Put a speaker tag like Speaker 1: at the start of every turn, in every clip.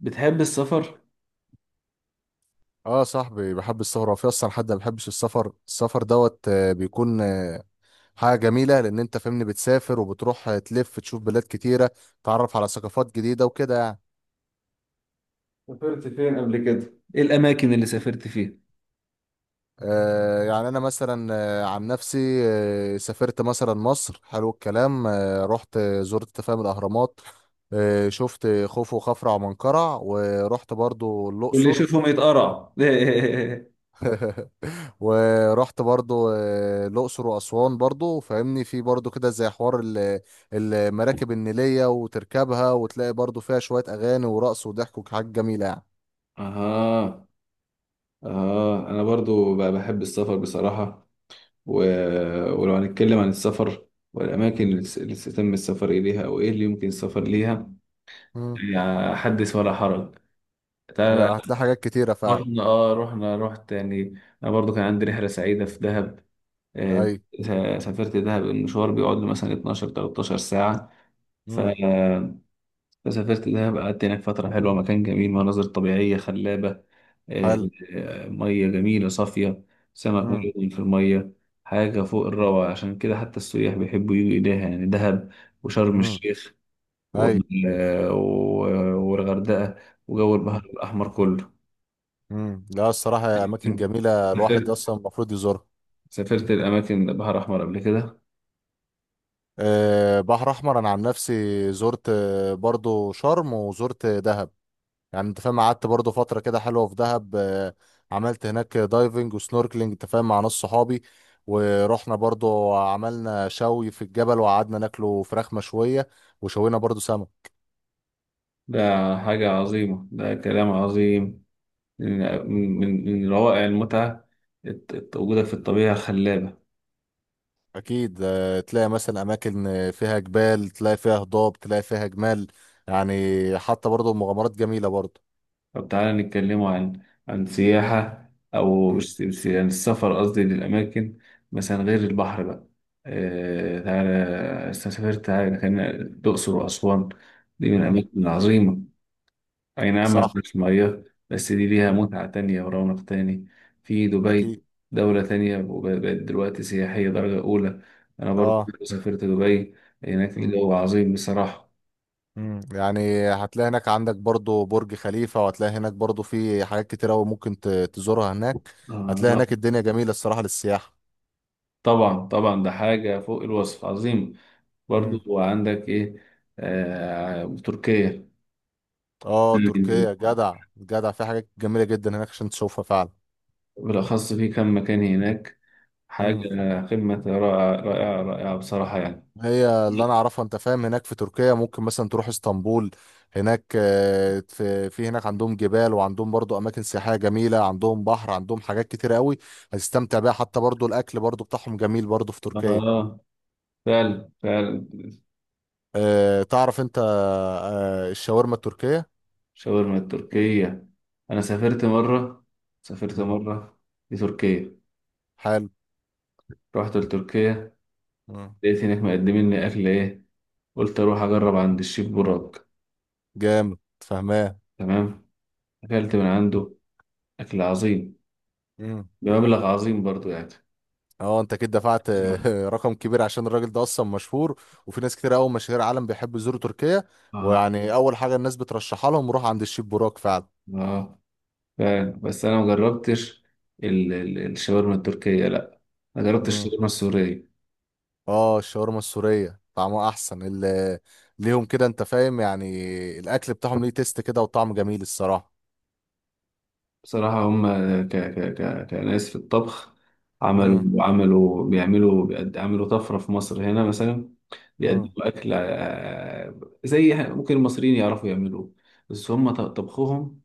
Speaker 1: بتحب السفر؟
Speaker 2: اه صاحبي بحب السفر. وفي اصلا حد ما بيحبش السفر السفر دوت آه، بيكون حاجه جميله لان انت فاهمني بتسافر وبتروح، تلف تشوف بلاد كتيره، تعرف على ثقافات جديده وكده يعني.
Speaker 1: سافرت فين قبل كده؟ إيه الأماكن اللي سافرت فيها؟
Speaker 2: يعني انا مثلا، عن نفسي، سافرت مثلا مصر. حلو الكلام. رحت، زرت تفاهم الاهرامات. شفت خوفو وخفرع ومنقرع، ورحت برضو
Speaker 1: واللي
Speaker 2: الاقصر.
Speaker 1: يشوفهم يتقرع.
Speaker 2: ورحت برضو الأقصر وأسوان برضو. فاهمني، في برضو كده زي حوار المراكب النيلية، وتركبها وتلاقي برضو فيها شوية أغاني ورقص وضحك وحاجات جميلة يعني.
Speaker 1: اها. اه، انا برضو بقى بحب السفر بصراحة. و... ولو هنتكلم عن السفر والاماكن
Speaker 2: مم.
Speaker 1: اللي تم السفر اليها او ايه اللي يمكن السفر ليها،
Speaker 2: مم.
Speaker 1: يعني حدث ولا حرج. تعال.
Speaker 2: يا هتلاقي حاجات كتيرة فعلا.
Speaker 1: رحنا اه رحنا رحت، يعني انا برضو كان عندي رحلة سعيدة في دهب. آه،
Speaker 2: أي.
Speaker 1: سافرت دهب، المشوار بيقعد له مثلا 12 13 ساعة. ف
Speaker 2: مم.
Speaker 1: فسافرت دهب، قعدت هناك فترة حلوة، مكان جميل، مناظر طبيعية خلابة.
Speaker 2: حلو.
Speaker 1: آه، مية جميلة صافية، سمك
Speaker 2: مم.
Speaker 1: ملون في المية، حاجة فوق
Speaker 2: مم.
Speaker 1: الروعة. عشان كده حتى السياح بيحبوا يجوا إليها، يعني دهب وشرم
Speaker 2: مم.
Speaker 1: الشيخ
Speaker 2: أي.
Speaker 1: والغردقة وجو البحر
Speaker 2: مم.
Speaker 1: الأحمر كله.
Speaker 2: مم. لا الصراحة، يا أماكن جميلة
Speaker 1: سافرت
Speaker 2: الواحد أصلا المفروض يزورها.
Speaker 1: سافرت الأماكن، البحر الأحمر قبل كده.
Speaker 2: أه بحر أحمر، أنا عن نفسي زرت برضو شرم وزرت دهب. يعني انت فاهم، قعدت برضه فترة كده حلوة في دهب. عملت هناك دايفنج وسنوركلينج، انت فاهم، مع ناس صحابي. ورحنا برضه عملنا شوي في الجبل، وقعدنا ناكله فراخ مشوية وشوينا برضه سمك.
Speaker 1: ده حاجة عظيمة، ده كلام عظيم. من من روائع المتعة، وجودك في الطبيعة الخلابة.
Speaker 2: أكيد تلاقي مثلا أماكن فيها جبال، تلاقي فيها هضاب، تلاقي فيها جمال يعني. حتى برضه مغامرات جميلة برضه.
Speaker 1: طب تعالى نتكلموا عن عن سياحة، أو
Speaker 2: مم.
Speaker 1: مش- مش- يعني السفر، قصدي للأماكن مثلا غير البحر بقى. آه، تعالى سافرت، تعالى خلينا الأقصر وأسوان، دي من
Speaker 2: مم.
Speaker 1: الأماكن العظيمة. أي نعم، ما
Speaker 2: صح.
Speaker 1: فيهاش مياه، بس دي ليها
Speaker 2: مم.
Speaker 1: متعة تانية ورونق تاني. في دبي،
Speaker 2: أكيد.
Speaker 1: دولة تانية، وبقت دلوقتي سياحية درجة أولى. أنا برضو
Speaker 2: اه.
Speaker 1: سافرت دبي، هناك الجو عظيم بصراحة.
Speaker 2: مم. يعني هتلاقي هناك عندك برضو برج خليفة، وهتلاقي هناك برضو في حاجات كتير أوي ممكن تزورها هناك. هتلاقي
Speaker 1: آه،
Speaker 2: هناك الدنيا جميلة الصراحة للسياحة.
Speaker 1: طبعا طبعا، ده حاجة فوق الوصف عظيمة.
Speaker 2: مم.
Speaker 1: برضو عندك إيه؟ آه، تركيا.
Speaker 2: اه تركيا. جدع جدع، في حاجات جميلة جدا هناك عشان تشوفها فعلا.
Speaker 1: بالأخص في كم مكان هناك، حاجة
Speaker 2: مم.
Speaker 1: قمة رائعة رائعة رائعة بصراحة يعني.
Speaker 2: هي اللي انا اعرفها، انت فاهم، هناك في تركيا ممكن مثلا تروح اسطنبول. هناك في هناك عندهم جبال، وعندهم برضو اماكن سياحية جميلة، عندهم بحر، عندهم حاجات كتير قوي هتستمتع بيها. حتى برضو الاكل برضو بتاعهم جميل برضو في تركيا.
Speaker 1: آه، فعلا فعلا.
Speaker 2: آه تعرف انت آه الشاورما التركية.
Speaker 1: شاورما التركية. أنا سافرت
Speaker 2: مم.
Speaker 1: مرة لتركيا،
Speaker 2: حلو.
Speaker 1: رحت لتركيا،
Speaker 2: مم.
Speaker 1: لقيت هناك مقدمين لي أكل إيه. قلت أروح أجرب عند الشيف براك.
Speaker 2: جامد فهمان.
Speaker 1: تمام. أكلت من عنده أكل عظيم
Speaker 2: مم.
Speaker 1: بمبلغ عظيم برضو يعني.
Speaker 2: اه انت كده دفعت رقم كبير عشان الراجل ده اصلا مشهور. وفي ناس كتير قوي مشاهير عالم بيحبوا يزوروا تركيا.
Speaker 1: آه،
Speaker 2: ويعني اول حاجة الناس بترشحها لهم روح عند الشيف براك فعلا.
Speaker 1: آه، فعلا. بس انا ما جربتش الشاورما التركيه، لا، ما جربتش
Speaker 2: مم.
Speaker 1: الشاورما السوريه.
Speaker 2: اه الشاورما السورية طعمها احسن، اللي ليهم كده، انت فاهم يعني الاكل بتاعهم ليه تيست كده وطعم جميل الصراحة.
Speaker 1: بصراحة هم كناس في الطبخ.
Speaker 2: مم.
Speaker 1: عملوا طفرة في مصر هنا مثلا،
Speaker 2: مم.
Speaker 1: بيقدموا أكل، آه، ممكن المصريين يعرفوا يعملوه، بس هم طبخهم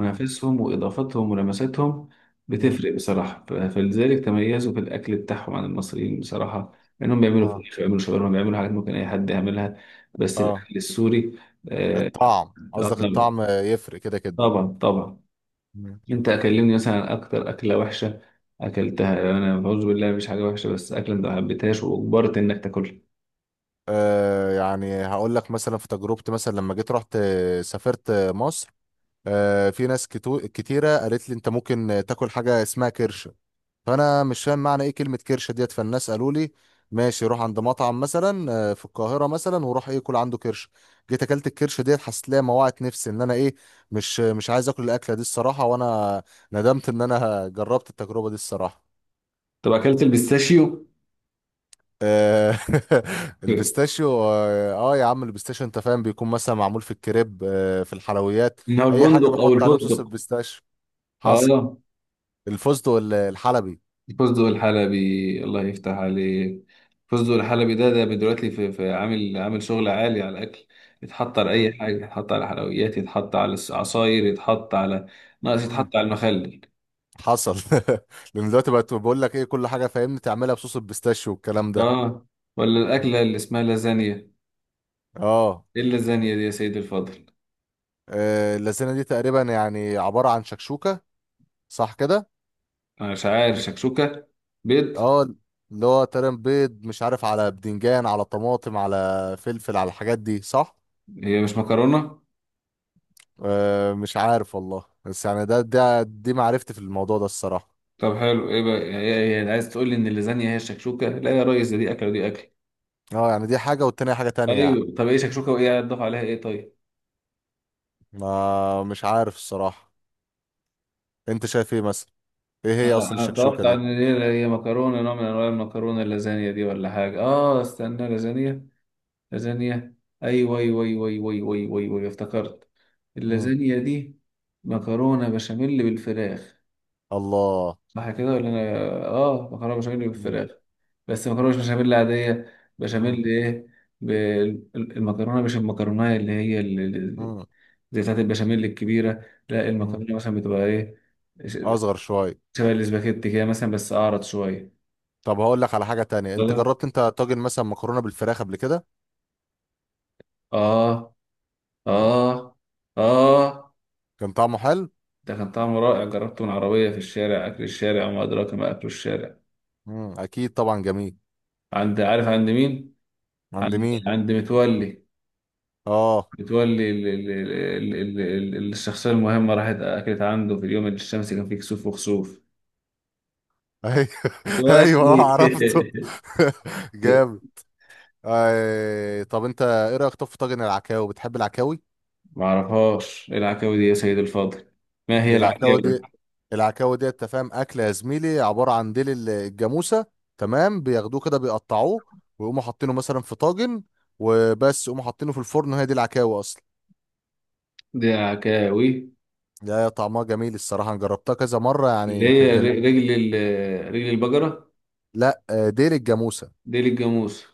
Speaker 2: مم.
Speaker 1: وإضافتهم ولمساتهم
Speaker 2: مم.
Speaker 1: بتفرق بصراحة. فلذلك تميزوا في الأكل بتاعهم عن المصريين بصراحة، لأنهم بيعملوا
Speaker 2: اه.
Speaker 1: فراخ، بيعملوا شاورما، بيعملوا حاجات ممكن أي حد يعملها، بس
Speaker 2: اه
Speaker 1: الأكل السوري. آه.
Speaker 2: الطعم
Speaker 1: آه،
Speaker 2: قصدك،
Speaker 1: طبعا
Speaker 2: الطعم يفرق كده كده.
Speaker 1: طبعا طبعا.
Speaker 2: مم.
Speaker 1: انت اكلمني مثلا عن اكتر اكله وحشه اكلتها، يعني انا بعوذ بالله مفيش حاجه وحشه، بس اكله انت ما حبيتهاش واجبرت انك تاكلها.
Speaker 2: آه يعني هقول لك مثلا في تجربتي، مثلا لما جيت رحت سافرت مصر. آه في ناس كتيرة قالت لي انت ممكن تاكل حاجة اسمها كرشة. فانا مش فاهم معنى ايه كلمة كرشة ديت. فالناس قالوا لي ماشي، روح عند مطعم مثلا في القاهرة مثلا، وروح ايه كل عنده كرشة. جيت اكلت الكرشة ديت، حسيت ليها موعت نفسي ان انا ايه، مش عايز اكل الاكلة دي الصراحة. وانا ندمت ان انا جربت التجربة دي الصراحة.
Speaker 1: طب اكلت البيستاشيو؟
Speaker 2: آه، البيستاشيو، اه آه يا عم البيستاشيو، انت فاهم بيكون مثلا معمول في الكريب آه في الحلويات.
Speaker 1: من هو
Speaker 2: اي حاجه
Speaker 1: البندق او
Speaker 2: بيحط عليهم صوص
Speaker 1: الفستق؟
Speaker 2: البيستاشيو. حصل.
Speaker 1: اه،
Speaker 2: الفستق الحلبي.
Speaker 1: الفستق الحلبي. الله يفتح عليك. الفستق الحلبي ده دلوقتي في عامل شغل عالي على الاكل. يتحط على اي
Speaker 2: مم.
Speaker 1: حاجه، يتحط على حلويات، يتحط على العصاير، يتحط على، ناقص
Speaker 2: مم.
Speaker 1: يتحط على المخلل.
Speaker 2: حصل. لان دلوقتي بقت، بقول لك ايه كل حاجه فاهمني تعملها بصوص البيستاشيو والكلام ده.
Speaker 1: اه. ولا
Speaker 2: مم.
Speaker 1: الاكله اللي اسمها لازانيا؟
Speaker 2: اه.
Speaker 1: ايه اللازانيا دي يا سيدي الفاضل؟
Speaker 2: اللازانيا دي تقريبا يعني عباره عن شكشوكه، صح كده.
Speaker 1: انا مش عارف شكشوكة، بيض؟
Speaker 2: اه اللي هو تقريبا بيض، مش عارف، على بدنجان، على طماطم، على فلفل، على الحاجات دي صح.
Speaker 1: هي مش مكرونة؟
Speaker 2: أه مش عارف والله، بس يعني ده ده دي معرفتي في الموضوع ده الصراحة.
Speaker 1: طب حلو، ايه بقى هي عايز تقول لي ان اللازانيا هي الشكشوكة؟ لا يا ريس، دي اكل ودي اكل.
Speaker 2: اه يعني دي حاجة والتانية حاجة تانية يعني.
Speaker 1: ايوه، طب ايه شكشوكة وايه هتضاف عليها ايه طيب؟
Speaker 2: ما مش عارف الصراحة، انت شايف ايه مثلا، ايه هي اصلا
Speaker 1: أنا
Speaker 2: الشكشوكة
Speaker 1: اتوقع
Speaker 2: دي.
Speaker 1: ان هي مكرونة، نوع من انواع المكرونة، اللازانيا دي، ولا حاجة؟ اه، استنى، لازانيا، لازانيا. ايوه ايوه ايوه ايوه ايوه ايوه ايوه أيوه، أيوه، افتكرت.
Speaker 2: مم.
Speaker 1: اللازانيا دي مكرونة بشاميل بالفراخ،
Speaker 2: الله.
Speaker 1: صح كده ولا انا؟ اه، مكرونه بشاميل
Speaker 2: مم.
Speaker 1: بالفراخ، بس مكرونه مش بشاميل عاديه،
Speaker 2: مم.
Speaker 1: بشاميل ايه، ب-، المكرونه مش المكرونه اللي هي ال-،
Speaker 2: مم.
Speaker 1: زي بتاعت البشاميل الكبيره، لا
Speaker 2: مم.
Speaker 1: المكرونه مثلا بتبقى ايه، ش-
Speaker 2: اصغر شوية.
Speaker 1: شبه الاسباجيتي كده مثلا بس اعرض شويه.
Speaker 2: طب هقول لك على حاجة تانية، انت
Speaker 1: طلع.
Speaker 2: جربت انت طاجن مثلا مكرونة بالفراخ قبل كده،
Speaker 1: اه، اه، اه،
Speaker 2: كان طعمه حلو.
Speaker 1: ده كان طعمه رائع، جربته من عربيه في الشارع، اكل الشارع وما ادراك ما اكل الشارع.
Speaker 2: مم. اكيد طبعا جميل.
Speaker 1: عند، عارف عند مين؟
Speaker 2: عند مين.
Speaker 1: عند متولي.
Speaker 2: اه.
Speaker 1: بتولي الشخصية المهمة، راحت أكلت عنده في اليوم اللي الشمس كان فيه كسوف وخسوف،
Speaker 2: ايوه ايوه اه
Speaker 1: بتولي.
Speaker 2: عرفته. جامد. آه طب انت ايه رايك طب في طاجن العكاوي، بتحب العكاوي.
Speaker 1: معرفهاش، إيه العكاوي دي يا سيد الفاضل؟ ما هي
Speaker 2: دي العكاوي
Speaker 1: العكاوي
Speaker 2: دي. العكاوي دي، انت فاهم، اكل يا زميلي، عباره عن ديل الجاموسه. تمام، بياخدوه كده، بيقطعوه، ويقوموا حاطينه مثلا في طاجن، وبس يقوموا حاطينه في الفرن، وهي دي العكاوي اصلا.
Speaker 1: دي؟ العكاوي
Speaker 2: لا طعمها جميل الصراحه، انا جربتها كذا مره
Speaker 1: اللي
Speaker 2: يعني كانت
Speaker 1: هي
Speaker 2: جميل.
Speaker 1: رجل البقرة؟
Speaker 2: لا، ديل الجاموسه.
Speaker 1: ديل الجاموس؟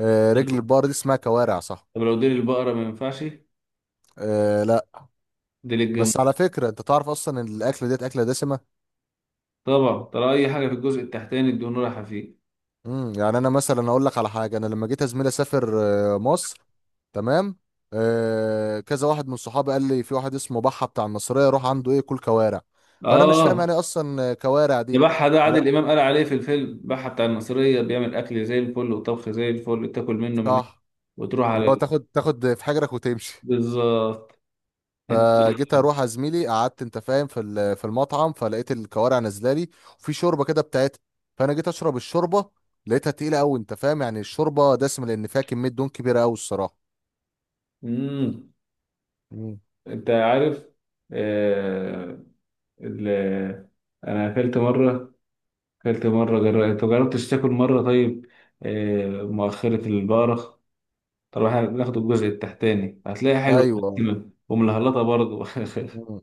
Speaker 2: رجل البقر دي اسمها كوارع صح.
Speaker 1: طب لو ديل البقرة ما ينفعش؟
Speaker 2: آه لا.
Speaker 1: ديل الجاموس.
Speaker 2: بس على فكره انت تعرف اصلا ان الاكله ديت اكله دسمه.
Speaker 1: طبعا، ترى أي حاجة في الجزء التحتاني الدهون رايحة فيه.
Speaker 2: امم، يعني انا مثلا اقول لك على حاجه. انا لما جيت يا زميلي اسافر مصر، تمام، كذا واحد من صحابي قال لي في واحد اسمه بحه بتاع المصريه، روح عنده ايه كل كوارع. فانا مش فاهم
Speaker 1: آه،
Speaker 2: يعني إيه اصلا كوارع دي.
Speaker 1: البحة ده
Speaker 2: فلا.
Speaker 1: عادل إمام قال عليه في الفيلم، بحة بتاع المصرية بيعمل أكل زي الفل وطبخ زي الفل، تاكل منه من هنا
Speaker 2: صح.
Speaker 1: وتروح
Speaker 2: اللي
Speaker 1: على
Speaker 2: هو تاخد في حجرك وتمشي.
Speaker 1: بالظبط. أنت.
Speaker 2: فجيت اروح يا زميلي، قعدت انت فاهم في في المطعم، فلقيت الكوارع نازله لي، وفي شوربه كده بتاعتها. فانا جيت اشرب الشوربه، لقيتها تقيله قوي، انت فاهم، يعني الشوربه دسمه لان فيها كميه دهون كبيره قوي الصراحه.
Speaker 1: مم.
Speaker 2: مم.
Speaker 1: أنت عارف، آه... ال... أنا أكلت مرة، أنت مجربتش تاكل مرة طيب، مؤخرة البقرة. طب إحنا بناخد الجزء التحتاني، هتلاقي حلوة
Speaker 2: ايوه.
Speaker 1: ومسلمة وملهلطة برضه.
Speaker 2: مم.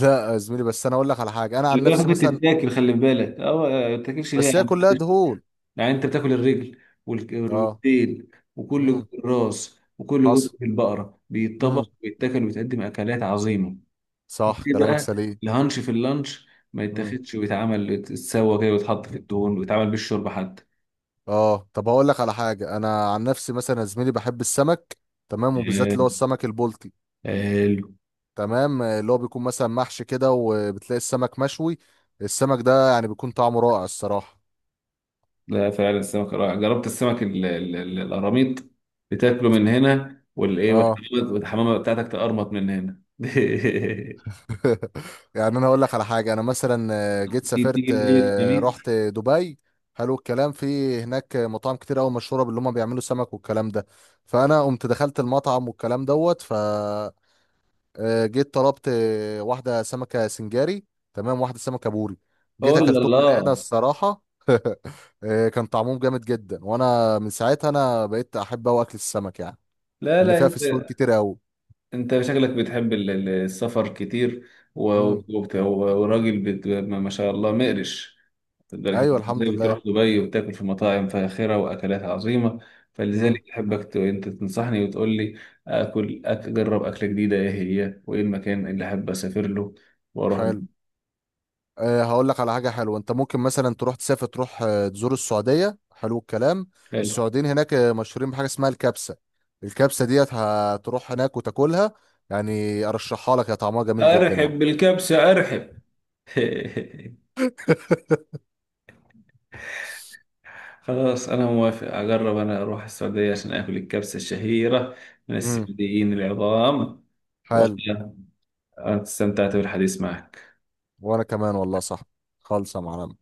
Speaker 2: لا يا زميلي، بس انا اقول لك على حاجه انا
Speaker 1: خلي
Speaker 2: عن
Speaker 1: بالك
Speaker 2: نفسي
Speaker 1: ممكن
Speaker 2: مثلا.
Speaker 1: تتاكل، خلي بالك، أه. ما تاكلش ليه يا
Speaker 2: بس هي
Speaker 1: عم؟
Speaker 2: كلها دهون.
Speaker 1: يعني انت بتاكل الرجل
Speaker 2: اه.
Speaker 1: والديل وكل
Speaker 2: امم.
Speaker 1: جزء الراس، وكل
Speaker 2: حصل.
Speaker 1: جزء في البقره
Speaker 2: امم.
Speaker 1: بيتطبخ ويتاكل ويتقدم اكلات عظيمه.
Speaker 2: صح
Speaker 1: ليه
Speaker 2: كلامك
Speaker 1: بقى
Speaker 2: سليم.
Speaker 1: الهانش في اللانش ما
Speaker 2: امم.
Speaker 1: يتاخدش ويتعمل، يتسوى كده ويتحط في الدهون ويتعمل بالشرب حتى؟
Speaker 2: اه طب هقول لك على حاجه، انا عن نفسي مثلا يا زميلي بحب السمك، تمام، وبالذات اللي
Speaker 1: حلو.
Speaker 2: هو السمك البلطي.
Speaker 1: حلو.
Speaker 2: تمام، اللي هو بيكون مثلا محشي كده، وبتلاقي السمك مشوي. السمك ده يعني بيكون طعمه رائع الصراحه.
Speaker 1: لا فعلا السمك رائع، جربت السمك القراميط، بتاكله من هنا والايه،
Speaker 2: اه.
Speaker 1: والحمامه والحمامة بتاعتك تقرمط من هنا.
Speaker 2: يعني انا اقول لك على حاجه، انا مثلا جيت
Speaker 1: تيجي
Speaker 2: سافرت،
Speaker 1: في ليله الخميس.
Speaker 2: رحت دبي. حلو الكلام، في هناك مطاعم كتير قوي مشهوره باللي هم بيعملوا سمك والكلام ده. فانا قمت دخلت المطعم والكلام دوت ف، جيت طلبت واحده سمكه سنجاري، تمام، واحده سمكه بوري. جيت
Speaker 1: قول
Speaker 2: اكلتهم من هنا
Speaker 1: الله.
Speaker 2: الصراحه. كان طعمهم جامد جدا، وانا من ساعتها انا بقيت احب قوي اكل السمك يعني
Speaker 1: لا
Speaker 2: لان
Speaker 1: لا،
Speaker 2: فيها فسفور
Speaker 1: انت،
Speaker 2: كتير قوي.
Speaker 1: شكلك بتحب السفر كتير، و-
Speaker 2: امم.
Speaker 1: وراجل ما شاء الله مقرش، لدرجة
Speaker 2: ايوه
Speaker 1: إنك
Speaker 2: الحمد
Speaker 1: ازاي
Speaker 2: لله.
Speaker 1: بتروح دبي وبتاكل في مطاعم فاخرة واكلات عظيمة.
Speaker 2: امم.
Speaker 1: فلذلك احبك، انت تنصحني وتقول لي اكل، اجرب اكلة جديدة، ايه هي وايه المكان اللي احب اسافر له واروح له.
Speaker 2: حلو. أه هقول لك على حاجة حلوة. انت ممكن مثلا تروح تسافر، تروح تزور السعودية، حلو الكلام.
Speaker 1: حلو،
Speaker 2: السعوديين هناك مشهورين بحاجة اسمها الكبسة. الكبسة ديت هتروح هناك وتاكلها، يعني ارشحها لك، يا طعمها جميل جدا يعني.
Speaker 1: ارحب بالكبسة، ارحب. خلاص انا موافق اجرب، انا اروح السعودية عشان اكل الكبسة الشهيرة من
Speaker 2: امم.
Speaker 1: السعوديين العظام.
Speaker 2: حلو.
Speaker 1: أنا استمتعت بالحديث معك.
Speaker 2: وانا كمان والله صح. خالصة معلم.